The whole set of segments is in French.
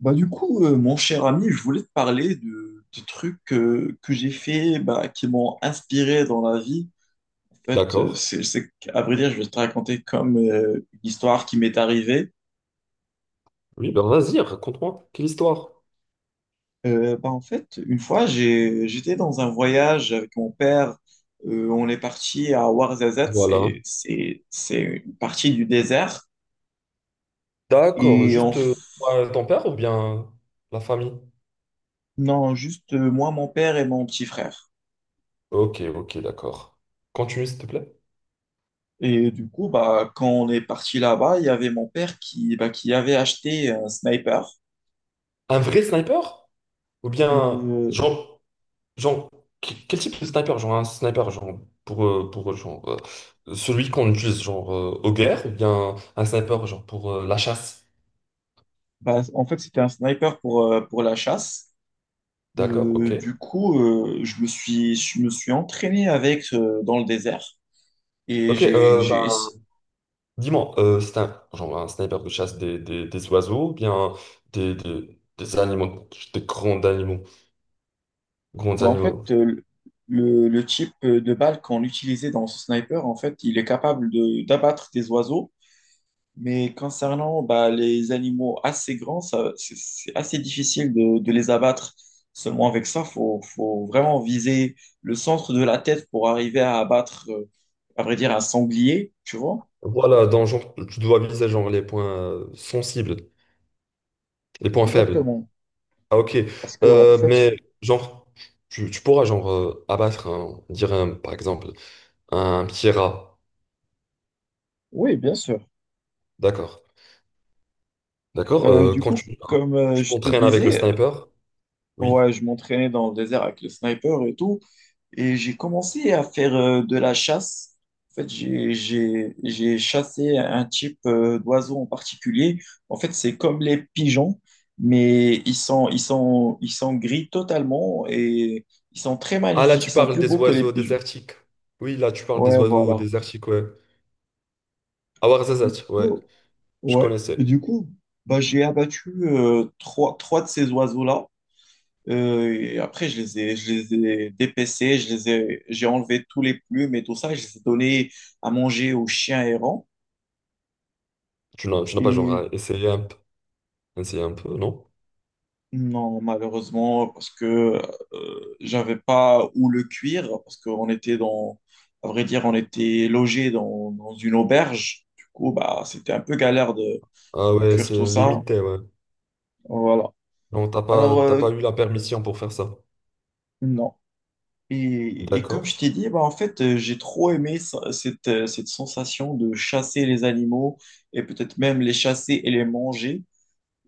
Bah, du coup, mon cher ami, je voulais te parler de trucs que j'ai fait, bah, qui m'ont inspiré dans la vie. En fait, D'accord. À vrai dire, je vais te raconter comme une histoire qui m'est arrivée. Oui, ben vas-y, raconte-moi. Quelle histoire? Bah, en fait, une fois, j'étais dans un voyage avec mon père. On est parti à Ouarzazate, Voilà. c'est une partie du désert. D'accord. Et on... Juste f- ton père ou bien la famille? Non, juste moi, mon père et mon petit frère. Ok, ok, d'accord. Continue, s'il te plaît. Et du coup, bah, quand on est parti là-bas, il y avait mon père qui avait acheté un sniper. Un vrai sniper? Ou bien, Euh, genre, genre, quel type de sniper? Genre un sniper, genre, pour genre, celui qu'on utilise, genre, aux guerres, ou bien un sniper, genre, pour la chasse? Bah, en fait, c'était un sniper pour la chasse. D'accord, ok. Du coup, je me suis entraîné avec dans le désert. Et Ok, j'ai, j'ai... ess- dis-moi, c'est un, genre un sniper de chasse des oiseaux, ou bien des animaux, des grands animaux, grands Bah, en fait, animaux. Le type de balle qu'on utilisait dans ce sniper, en fait, il est capable d'abattre des oiseaux. Mais concernant bah, les animaux assez grands, ça, c'est assez difficile de les abattre seulement avec ça. Faut vraiment viser le centre de la tête pour arriver à abattre, à vrai dire, un sanglier, tu vois? Voilà, dans genre, tu dois viser genre les points sensibles, les points faibles. Exactement. Ah ok, Parce que, en fait, mais genre, tu pourras genre abattre un, on dirait par exemple, un petit rat. oui, bien sûr. D'accord, d'accord. Du Quand coup, comme tu je te t'entraînes avec le disais, sniper, oui. ouais, je m'entraînais dans le désert avec le sniper et tout. Et j'ai commencé à faire de la chasse. En fait, j'ai chassé un type d'oiseau en particulier. En fait, c'est comme les pigeons, mais ils sont gris totalement et ils sont très Ah là, magnifiques. Ils tu sont parles plus des beaux que les oiseaux pigeons. désertiques. Oui, là, tu parles des Ouais, oiseaux voilà. désertiques, ouais. Et du Awarzazat, ouais. coup, Je ouais. Et connaissais. du coup, bah, j'ai abattu trois de ces oiseaux-là. Et après, je les ai dépécés, j'ai enlevé tous les plumes et tout ça, je les ai donnés à manger aux chiens errants. Tu n'as pas Et genre un peu, essayé un peu, non? non, malheureusement, parce que j'avais pas où le cuire, parce qu'on était dans, à vrai dire, on était logé dans, une auberge. Du coup, bah, c'était un peu galère de, Ah de ouais, cuire tout c'est ça. limité, ouais. Voilà. Donc Alors, t'as pas eu la permission pour faire ça. non. Et comme D'accord. je t'ai dit, bah, en fait, j'ai trop aimé cette sensation de chasser les animaux et peut-être même les chasser et les manger.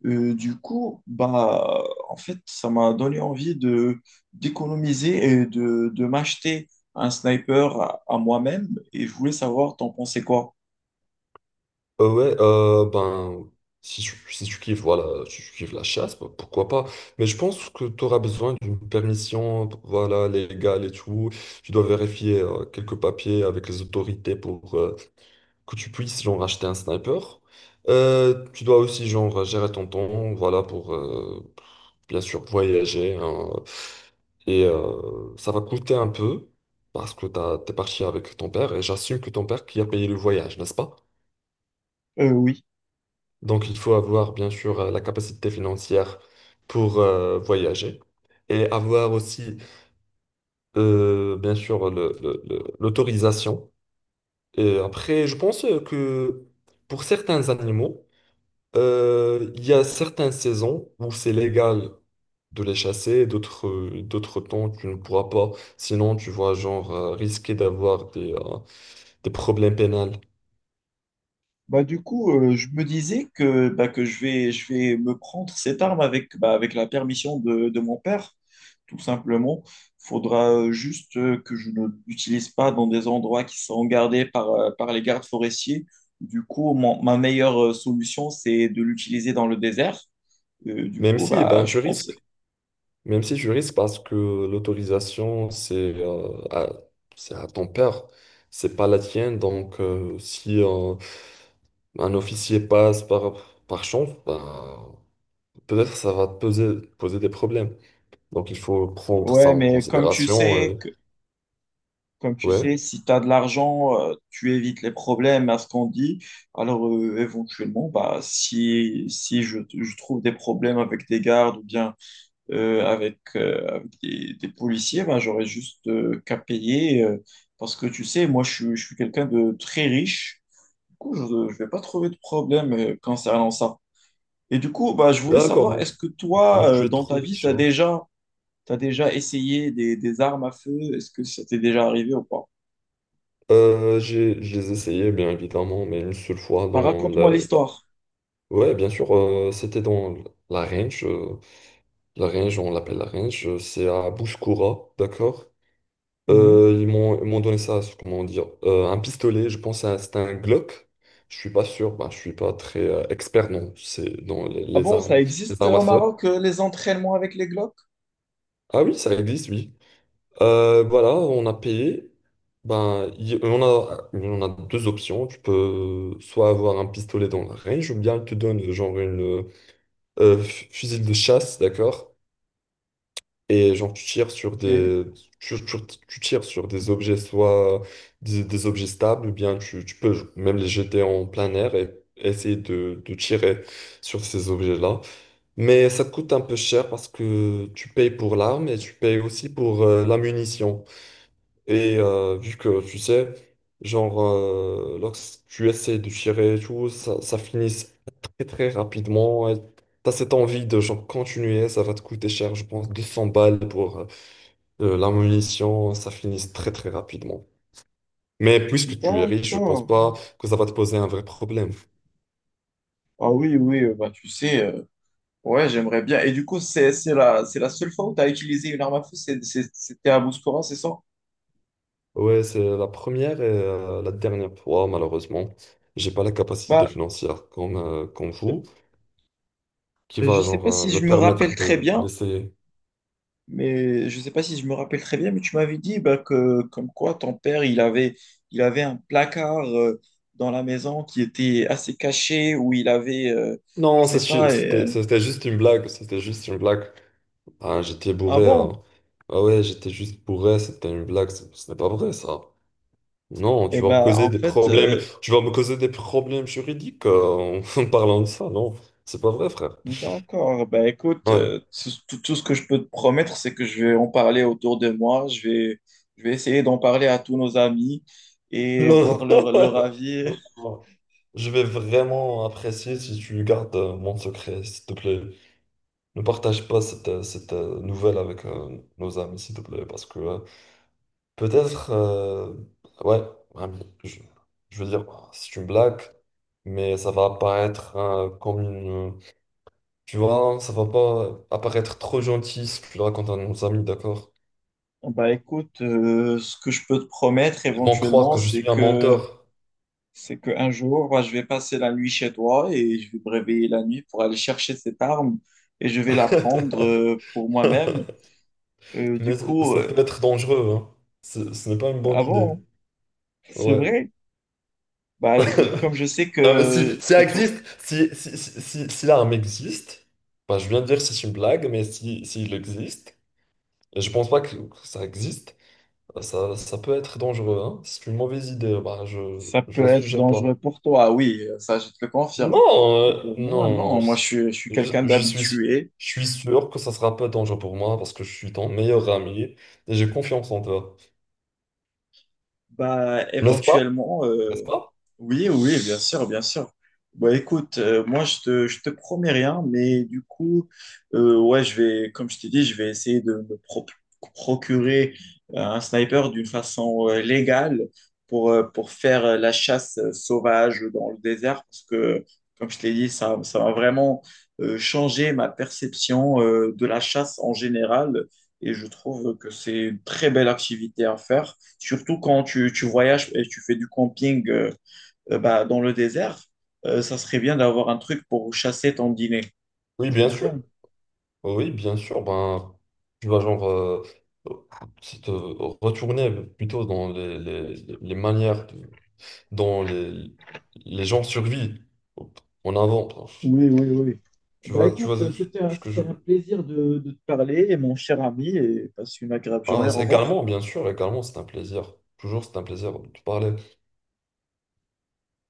Du coup, bah, en fait, ça m'a donné envie de d'économiser et de m'acheter un sniper à moi-même. Et je voulais savoir, t'en pensais quoi? Ouais, ben, si tu, si tu kiffes, voilà, si tu kiffes la chasse, bah, pourquoi pas. Mais je pense que tu auras besoin d'une permission, voilà, légale et tout. Tu dois vérifier quelques papiers avec les autorités pour, que tu puisses genre acheter un sniper. Tu dois aussi genre gérer ton temps, voilà, pour bien sûr voyager, hein. Et ça va coûter un peu parce que t'es parti avec ton père et j'assume que ton père qui a payé le voyage, n'est-ce pas? Oui. Donc il faut avoir bien sûr la capacité financière pour voyager et avoir aussi bien sûr l'autorisation. Et après, je pense que pour certains animaux, il y a certaines saisons où c'est légal de les chasser, d'autres d'autres temps tu ne pourras pas, sinon tu vas genre risquer d'avoir des problèmes pénals. Bah, du coup, je me disais que je vais me prendre cette arme avec la permission de mon père, tout simplement. Faudra juste que je ne l'utilise pas dans des endroits qui sont gardés par les gardes forestiers. Du coup, ma meilleure solution, c'est de l'utiliser dans le désert. Du Même coup, si eh bah, ben je tu risques, pensais. même si tu risques parce que l'autorisation c'est à, c'est à ton père, c'est pas la tienne, donc si un officier passe par, par chance, ben, peut-être ça va te poser, poser des problèmes. Donc il faut prendre ça Ouais, en mais comme tu considération. sais, Euh, Comme tu ouais. sais, si tu as de l'argent, tu évites les problèmes à ce qu'on dit. Alors, éventuellement, bah, si je trouve des problèmes avec des gardes ou bien avec des policiers, bah, j'aurais juste qu'à payer. Parce que tu sais, moi, je suis quelqu'un de très riche. Du coup, je ne vais pas trouver de problème concernant ça. Et du coup, bah, je voulais D'accord, savoir, est-ce que toi, donc tu es dans trop ta vie, tu riche, as hein. déjà, t'as déjà essayé des armes à feu? Est-ce que ça t'est déjà arrivé ou pas? J'ai, je les essayais, bien évidemment, mais une seule fois Enfin, dans raconte-moi la- l'histoire. Ouais, bien sûr, c'était dans la range. La range, on l'appelle la range. C'est à Bouskoura, d'accord? Mhm. Ils m'ont donné ça, c'est- comment dire, un pistolet, je pense que c'était un Glock. Je suis pas sûr, ben, je suis pas très expert non, c'est dans Ah bon, ça les existe armes à au feu. Maroc, les entraînements avec les Glock? Ah oui, ça existe, oui. Voilà, on a payé. Ben, on a deux options. Tu peux soit avoir un pistolet dans la range, ou bien il te donne genre une fu- fusil de chasse, d'accord? Et genre tu tires sur Ok. des, tu, tu- tu tires sur des objets, soit des objets stables, ou bien tu peux même les jeter en plein air et essayer de tirer sur ces objets-là. Mais ça coûte un peu cher parce que tu payes pour l'arme et tu payes aussi pour la munition. Et vu que tu sais, genre, lorsque tu essaies de tirer et tout, ça finit très très rapidement. Et t'as cette envie de genre continuer, ça va te coûter cher, je pense, 200 balles pour la munition, ça finit très très rapidement. Mais puisque tu es riche, je pense D'accord. pas que ça va te poser un vrai problème. Ah oui, oui, bah tu sais, ouais, j'aimerais bien. Et du coup, c'est la seule fois où tu as utilisé une arme à feu, c'était à Bouskoura, c'est ça? Ouais, c'est la première et la dernière fois, malheureusement. J'ai pas la capacité Bah, financière comme, comme euh, vous, qui je va sais genre pas si me je me permettre rappelle très de bien, laisser. mais je sais pas si je me rappelle très bien, mais tu m'avais dit bah, que comme quoi ton père, il avait un placard dans la maison qui était assez caché, où il avait, Non, je ça, sais pas, et, c'était juste une blague. C'était juste une blague. Ah, j'étais ah bourré, bon? hein. Ah ouais, j'étais juste bourré. C'était une blague. Ce n'est pas vrai, ça. Non, Eh tu vas me ben, causer en des fait, problèmes. Tu vas me causer des problèmes juridiques en en parlant de ça. Non, c'est pas vrai, frère. d'accord. Ben, écoute, Ouais. Tout ce que je peux te promettre, c'est que je vais en parler autour de moi. Je vais essayer d'en parler à tous nos amis et voir Non. leur avis. Non, non. Je vais vraiment apprécier si tu gardes mon secret, s'il te plaît. Ne partage pas cette nouvelle avec nos amis, s'il te plaît, parce que peut-être, ouais, un- je, je veux dire, c'est une blague, mais ça va apparaître comme une. Tu vois, ça va pas apparaître trop gentil si tu le racontes à nos amis, d'accord? Bah écoute, ce que je peux te promettre Ils vont croire éventuellement, que je c'est suis un que menteur. c'est qu'un jour, bah, je vais passer la nuit chez toi et je vais me réveiller la nuit pour aller chercher cette arme et je vais la prendre pour moi-même. Du Mais ça, coup, ça peut être dangereux, hein. Ce n'est pas une ah bonne idée. bon, c'est Ouais. vrai. Bah, comme je sais Non, mais si, si que, ça existe, si, si, si, si, si l'arme existe, bah, je viens de dire que c'est une blague, mais si, s'il existe, et je pense pas que ça existe, ça peut être dangereux, hein. C'est une mauvaise idée, bah, ça je peut la être suggère pas. dangereux pour toi, oui, ça je te le Non, confirme. Et pour non, moi, non, non. non, moi je suis Je, quelqu'un je suis, je d'habitué. suis sûr que ça sera pas dangereux pour moi parce que je suis ton meilleur ami et j'ai confiance en toi. Bah, N'est-ce pas? éventuellement, N'est-ce pas? oui, oui, bien sûr, bien sûr. Bah, écoute, moi, je te promets rien, mais du coup, ouais, comme je t'ai dit, je vais essayer de me procurer un sniper d'une façon légale pour faire la chasse sauvage dans le désert, parce que, comme je t'ai dit, ça va vraiment changer ma perception de la chasse en général, et je trouve que c'est une très belle activité à faire. Surtout quand tu voyages et tu fais du camping bah, dans le désert, ça serait bien d'avoir un truc pour chasser ton dîner. Oui, Tu bien sûr. confirmes? Oui, bien sûr. Ben, tu vas genre se te retourner plutôt dans les manières, de- dont les gens survivent en avant. Oui, oui, oui. Bah Tu vois écoute, c'était un, ce que je, c'était un plaisir de te parler, mon cher ami, et passe une agréable journée. ah, Au c'est- revoir. également, bien sûr, également, c'est un plaisir. Toujours, c'est un plaisir de te parler.